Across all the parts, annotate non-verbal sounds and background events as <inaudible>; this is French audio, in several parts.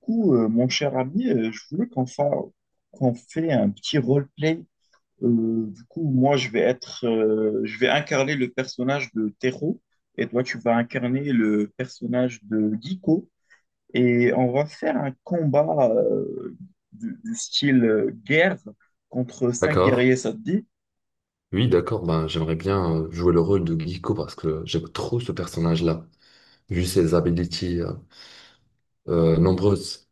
Mon cher ami, je voulais qu'on fait un petit roleplay. Du coup, moi, je vais incarner le personnage de Tero et toi, tu vas incarner le personnage de Giko. Et on va faire un combat du style guerre contre cinq D'accord. guerriers, ça te dit? Oui, d'accord. Ben, j'aimerais bien jouer le rôle de Giko parce que j'aime trop ce personnage-là, vu ses abilities nombreuses.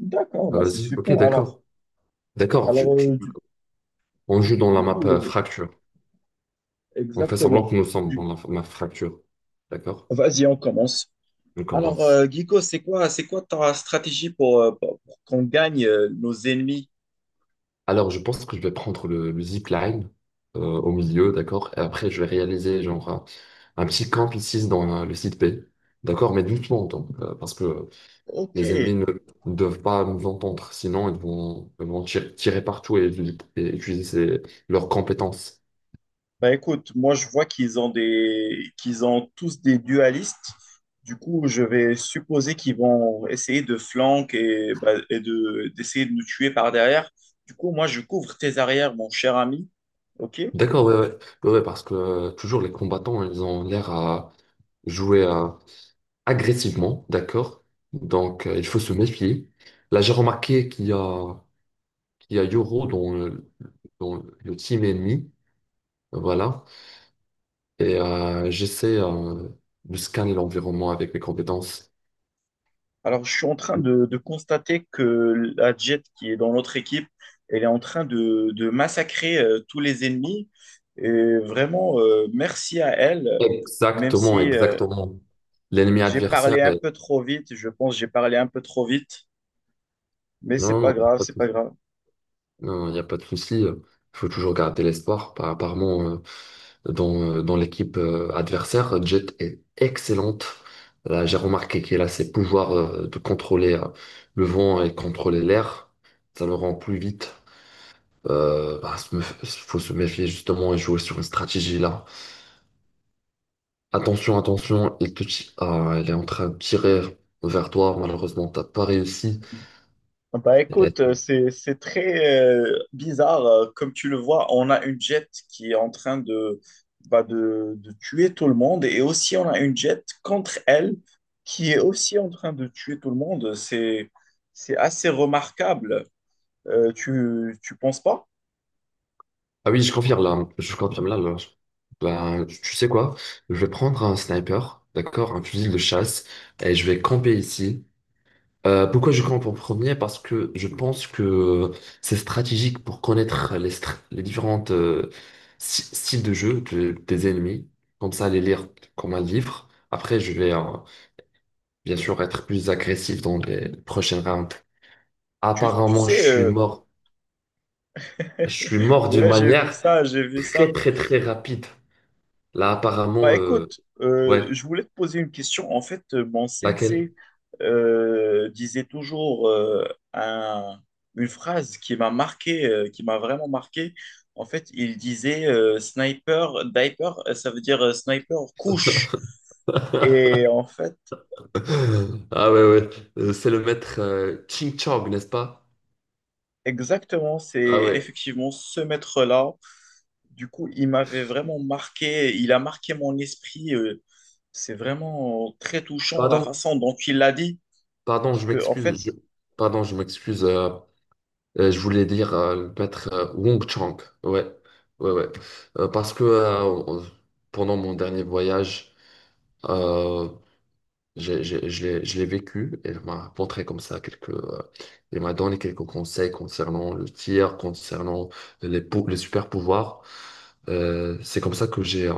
D'accord, Ah, bah c'est vas-y, ok, super. Alors, d'accord. D'accord. Alors du, On joue du dans la map coup, fracture. On fait semblant exactement. que nous sommes Du- dans la map fracture. D'accord? Vas-y, on commence. On Alors, commence. Guico, c'est quoi ta stratégie pour qu'on gagne nos ennemis? Alors, je pense que je vais prendre le zipline au milieu, d'accord? Et après, je vais réaliser genre un petit camp ici dans le site P. D'accord? Mais doucement, donc, parce que Ok. les ennemis ne doivent pas nous entendre, sinon ils vont tirer partout et utiliser ces- leurs compétences. Bah écoute, moi je vois qu'ils ont tous des dualistes. Du coup, je vais supposer qu'ils vont essayer de flanquer et d'essayer de nous tuer par derrière. Du coup, moi je couvre tes arrières, mon cher ami. Ok? D'accord, ouais, parce que toujours les combattants, ils ont l'air à jouer agressivement, d'accord? Donc il faut se méfier. Là, j'ai remarqué qu'il y a Yoro dans le team ennemi, voilà, et j'essaie de scanner l'environnement avec mes compétences. Alors, je suis en train de constater que la Jet qui est dans notre équipe, elle est en train de massacrer tous les ennemis. Et vraiment, merci à elle, même Exactement, si exactement. L'ennemi j'ai adversaire parlé un est... peu trop vite. Je pense que j'ai parlé un peu trop vite, mais Non, c'est pas non, non, grave, pas de c'est pas souci. grave. Non, il n'y a pas de souci. Il faut toujours garder l'espoir. Apparemment, dans l'équipe adversaire, Jet est excellente. Là, j'ai remarqué qu'elle a ses pouvoirs de contrôler le vent et contrôler l'air. Ça le rend plus vite. Bah, faut se méfier justement et jouer sur une stratégie là. Attention, attention, il te... ti... ah, elle est en train de tirer vers toi. Malheureusement, t'as pas réussi. Ah bah Euh, écoute, c'est très bizarre. Comme tu le vois, on a une jet qui est en train de tuer tout le monde et aussi on a une jet contre elle qui est aussi en train de tuer tout le monde. C'est assez remarquable. Tu penses pas? Ah oui, je confirme là. Je confirme là. Ben, tu sais quoi? Je vais prendre un sniper, d'accord, un fusil de chasse, et je vais camper ici. Pourquoi je campe en premier? Parce que je pense que c'est stratégique pour connaître les différentes styles de jeu des ennemis. Comme ça, les lire comme un livre. Après, je vais bien sûr être plus agressif dans les prochaines rounds. Tu Apparemment, je sais, suis mort. Je suis <laughs> mort d'une Ouais. J'ai vu manière ça, j'ai vu très ça. très très rapide. Là, Bah apparemment, écoute, ouais, je voulais te poser une question. En fait, mon sensei laquelle? Disait toujours un- une phrase qui m'a marqué, qui m'a vraiment marqué. En fait, il disait sniper, diaper, ça veut dire sniper couche. <laughs> Et en fait, Ah ouais, ouais, c'est le maître Ching Chong, n'est-ce pas? exactement, c'est Ah ouais, effectivement ce maître-là. Du coup, il m'avait vraiment marqué, il a marqué mon esprit. C'est vraiment très touchant la pardon, façon dont il l'a dit. pardon, Parce je que, en fait. m'excuse, je- pardon, je m'excuse, je voulais dire le maître Wong Chang, ouais, ouais, ouais. Parce que pendant mon dernier voyage, euh, je, je l'ai vécu, elle m'a apporté comme ça quelques, elle m'a donné quelques conseils concernant le tir, concernant les super pouvoirs. C'est comme ça que j'ai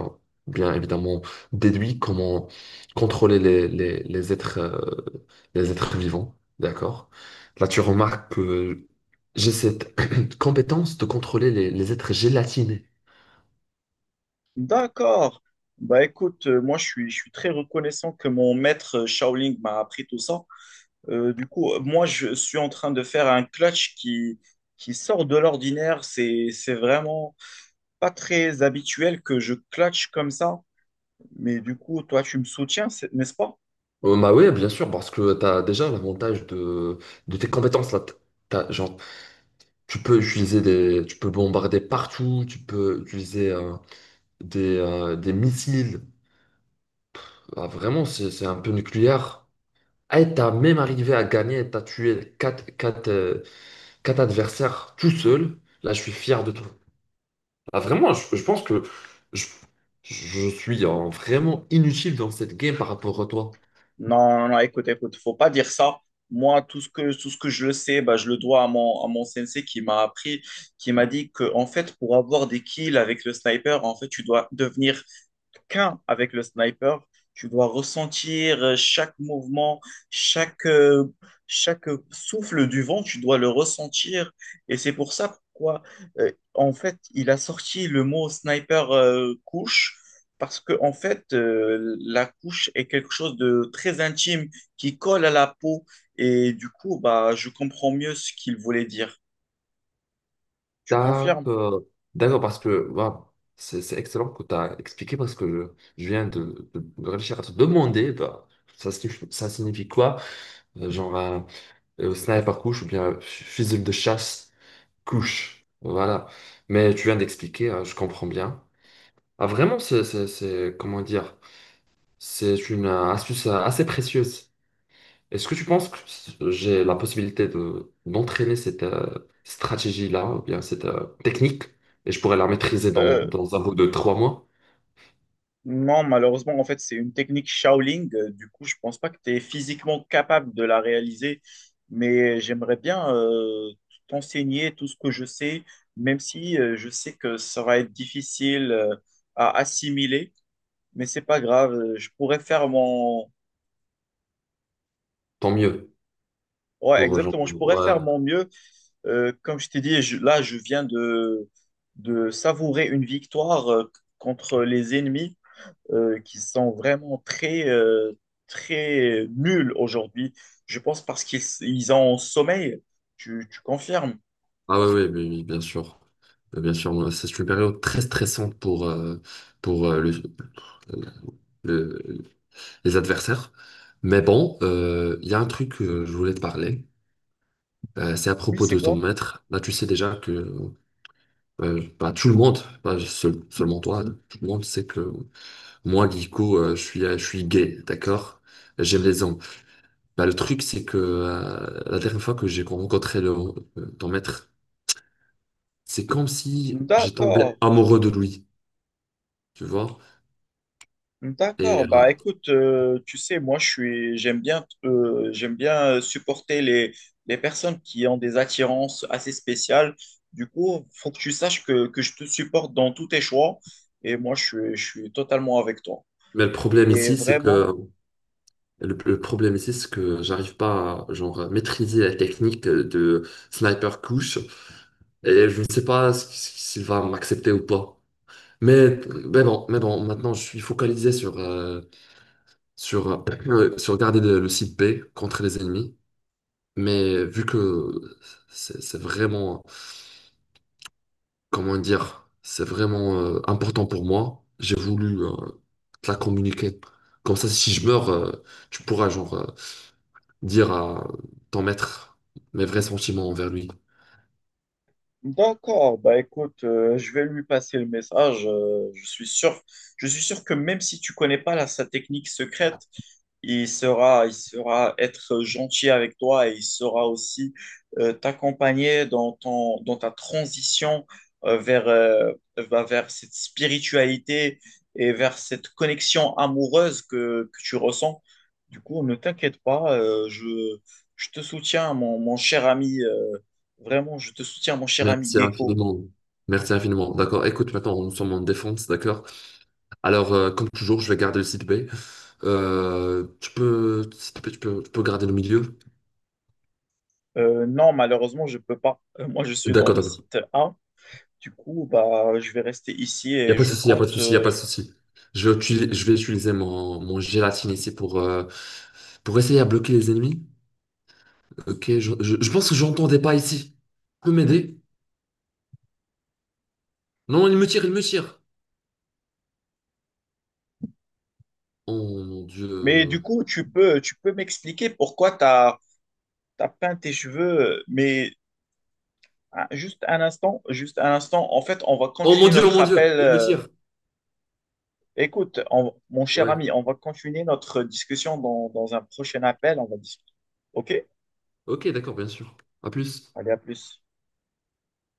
bien évidemment déduit comment contrôler les êtres vivants, d'accord? Là, tu remarques que j'ai cette <clears throat> compétence de contrôler les êtres gélatinés. D'accord. Bah écoute, moi je suis très reconnaissant que mon maître Shaolin m'a appris tout ça. Du coup, moi je suis en train de faire un clutch qui sort de l'ordinaire. C'est vraiment pas très habituel que je clutch comme ça. Mais du coup, toi tu me soutiens, n'est-ce pas? Bah oui, bien sûr, parce que tu as déjà l'avantage de tes compétences là. Genre, tu peux utiliser tu peux bombarder partout, tu peux utiliser des missiles. Ah, vraiment, c'est un peu nucléaire. Et t'as même arrivé à gagner, t'as tué quatre adversaires tout seul. Là, je suis fier de toi. Ah, vraiment, je pense que je, je suis vraiment inutile dans cette game par rapport à toi. Non, non, écoute, écoute, faut pas dire ça. Moi, tout ce que je le sais, bah, je le dois à mon sensei qui m'a appris, qui m'a dit que, en fait, pour avoir des kills avec le sniper, en fait, tu dois devenir qu'un avec le sniper. Tu dois ressentir chaque mouvement, chaque, euh, chaque souffle du vent, tu dois le ressentir. Et c'est pour ça pourquoi, en fait, il a sorti le mot sniper couche parce que, en fait, la couche est quelque chose de très intime qui colle à la peau. Et du coup, bah, je comprends mieux ce qu'il voulait dire. Tu confirmes? D'accord. D'accord, parce que waouh, c'est excellent que tu as expliqué parce que je viens de réfléchir à te demander bah, ça signifie quoi? Genre un sniper couche ou bien un fusil de chasse couche. Voilà. Mais tu viens d'expliquer, hein, je comprends bien. Ah, vraiment, c'est... comment dire? C'est une astuce assez précieuse. Est-ce que tu penses que j'ai la possibilité de d'entraîner cette stratégie-là, ou bien cette technique, et je pourrais la maîtriser Euh, dans un bout de 3 mois? non, malheureusement, en fait, c'est une technique Shaolin. Du coup, je pense pas que tu es physiquement capable de la réaliser. Mais j'aimerais bien t'enseigner tout ce que je sais, même si je sais que ça va être difficile à assimiler. Mais c'est pas grave. Je pourrais faire mon. Tant mieux Ouais, pour genre, exactement. Je pourrais ouais. faire mon mieux. Comme je t'ai dit, là, je viens de savourer une victoire contre les ennemis qui sont vraiment très, très nuls aujourd'hui. Je pense parce qu'ils ils ont sommeil. Tu confirmes? Ah ouais, ouais, oui, oui, bien sûr. Bien sûr, moi, c'est une période très stressante pour, pour euh, le, le- les adversaires. Mais bon, il y a un truc que je voulais te parler. C'est à Oui, propos c'est de ton quoi? maître. Là, tu sais déjà que bah, tout le monde, pas seulement toi, tout le monde sait que moi, Guico, je suis gay, d'accord? J'aime les hommes. Bah, le truc, c'est que la dernière fois que j'ai rencontré ton maître, c'est comme si j'ai tombé D'accord. amoureux de lui, tu vois? Et, D'accord, bah écoute, tu sais, moi j'aime bien supporter les personnes qui ont des attirances assez spéciales. Du coup, faut que tu saches que je te supporte dans tous tes choix et moi je suis totalement avec toi. mais le problème Et ici, c'est que vraiment. Le problème ici, c'est que j'arrive pas à genre, à maîtriser la technique de sniper couche et je ne sais pas s'il va m'accepter ou pas. Mais, mais bon, maintenant, je suis focalisé sur, sur, sur garder le site B contre les ennemis. Mais vu que c'est vraiment, comment dire, c'est vraiment important pour moi, j'ai voulu te la communiquer. Comme ça, si je meurs, tu pourras genre dire à ton maître mes vrais sentiments envers lui. D'accord, bah écoute, je vais lui passer le message. Je suis sûr que même si tu connais pas sa technique secrète, il sera être gentil avec toi et il sera aussi t'accompagner dans dans ta transition euh, vers, euh, bah, vers cette spiritualité et vers cette connexion amoureuse que tu ressens. Du coup, ne t'inquiète pas, je te soutiens, mon cher ami. Vraiment, je te soutiens, mon cher ami Merci Gecko. infiniment. Merci infiniment. D'accord. Écoute, maintenant, nous sommes en défense, d'accord? Alors, comme toujours, je vais garder le site B. Tu peux, s'il te plaît, tu peux garder le milieu. Non, malheureusement, je peux pas. Moi, je suis dans D'accord, le d'accord. site A. Du coup, bah, je vais rester ici Il n'y a et pas de je souci, il n'y a pas de compte. souci, il n'y a pas de souci. Je vais, utiliser mon, mon gélatine ici pour essayer à bloquer les ennemis. Ok, je pense que j'entends des pas ici. Tu peux m'aider? Non, il me tire, il me tire. Oh mon Mais Dieu. du coup, tu peux m'expliquer pourquoi tu as peint tes cheveux. Mais ah, juste un instant, juste un instant. En fait, on va Oh mon continuer Dieu, oh notre mon Dieu, appel. il me tire. Écoute, mon cher Ouais. ami, on va continuer notre discussion dans un prochain appel. On va discuter. OK? Ok, d'accord, bien sûr. À plus. Allez, à plus.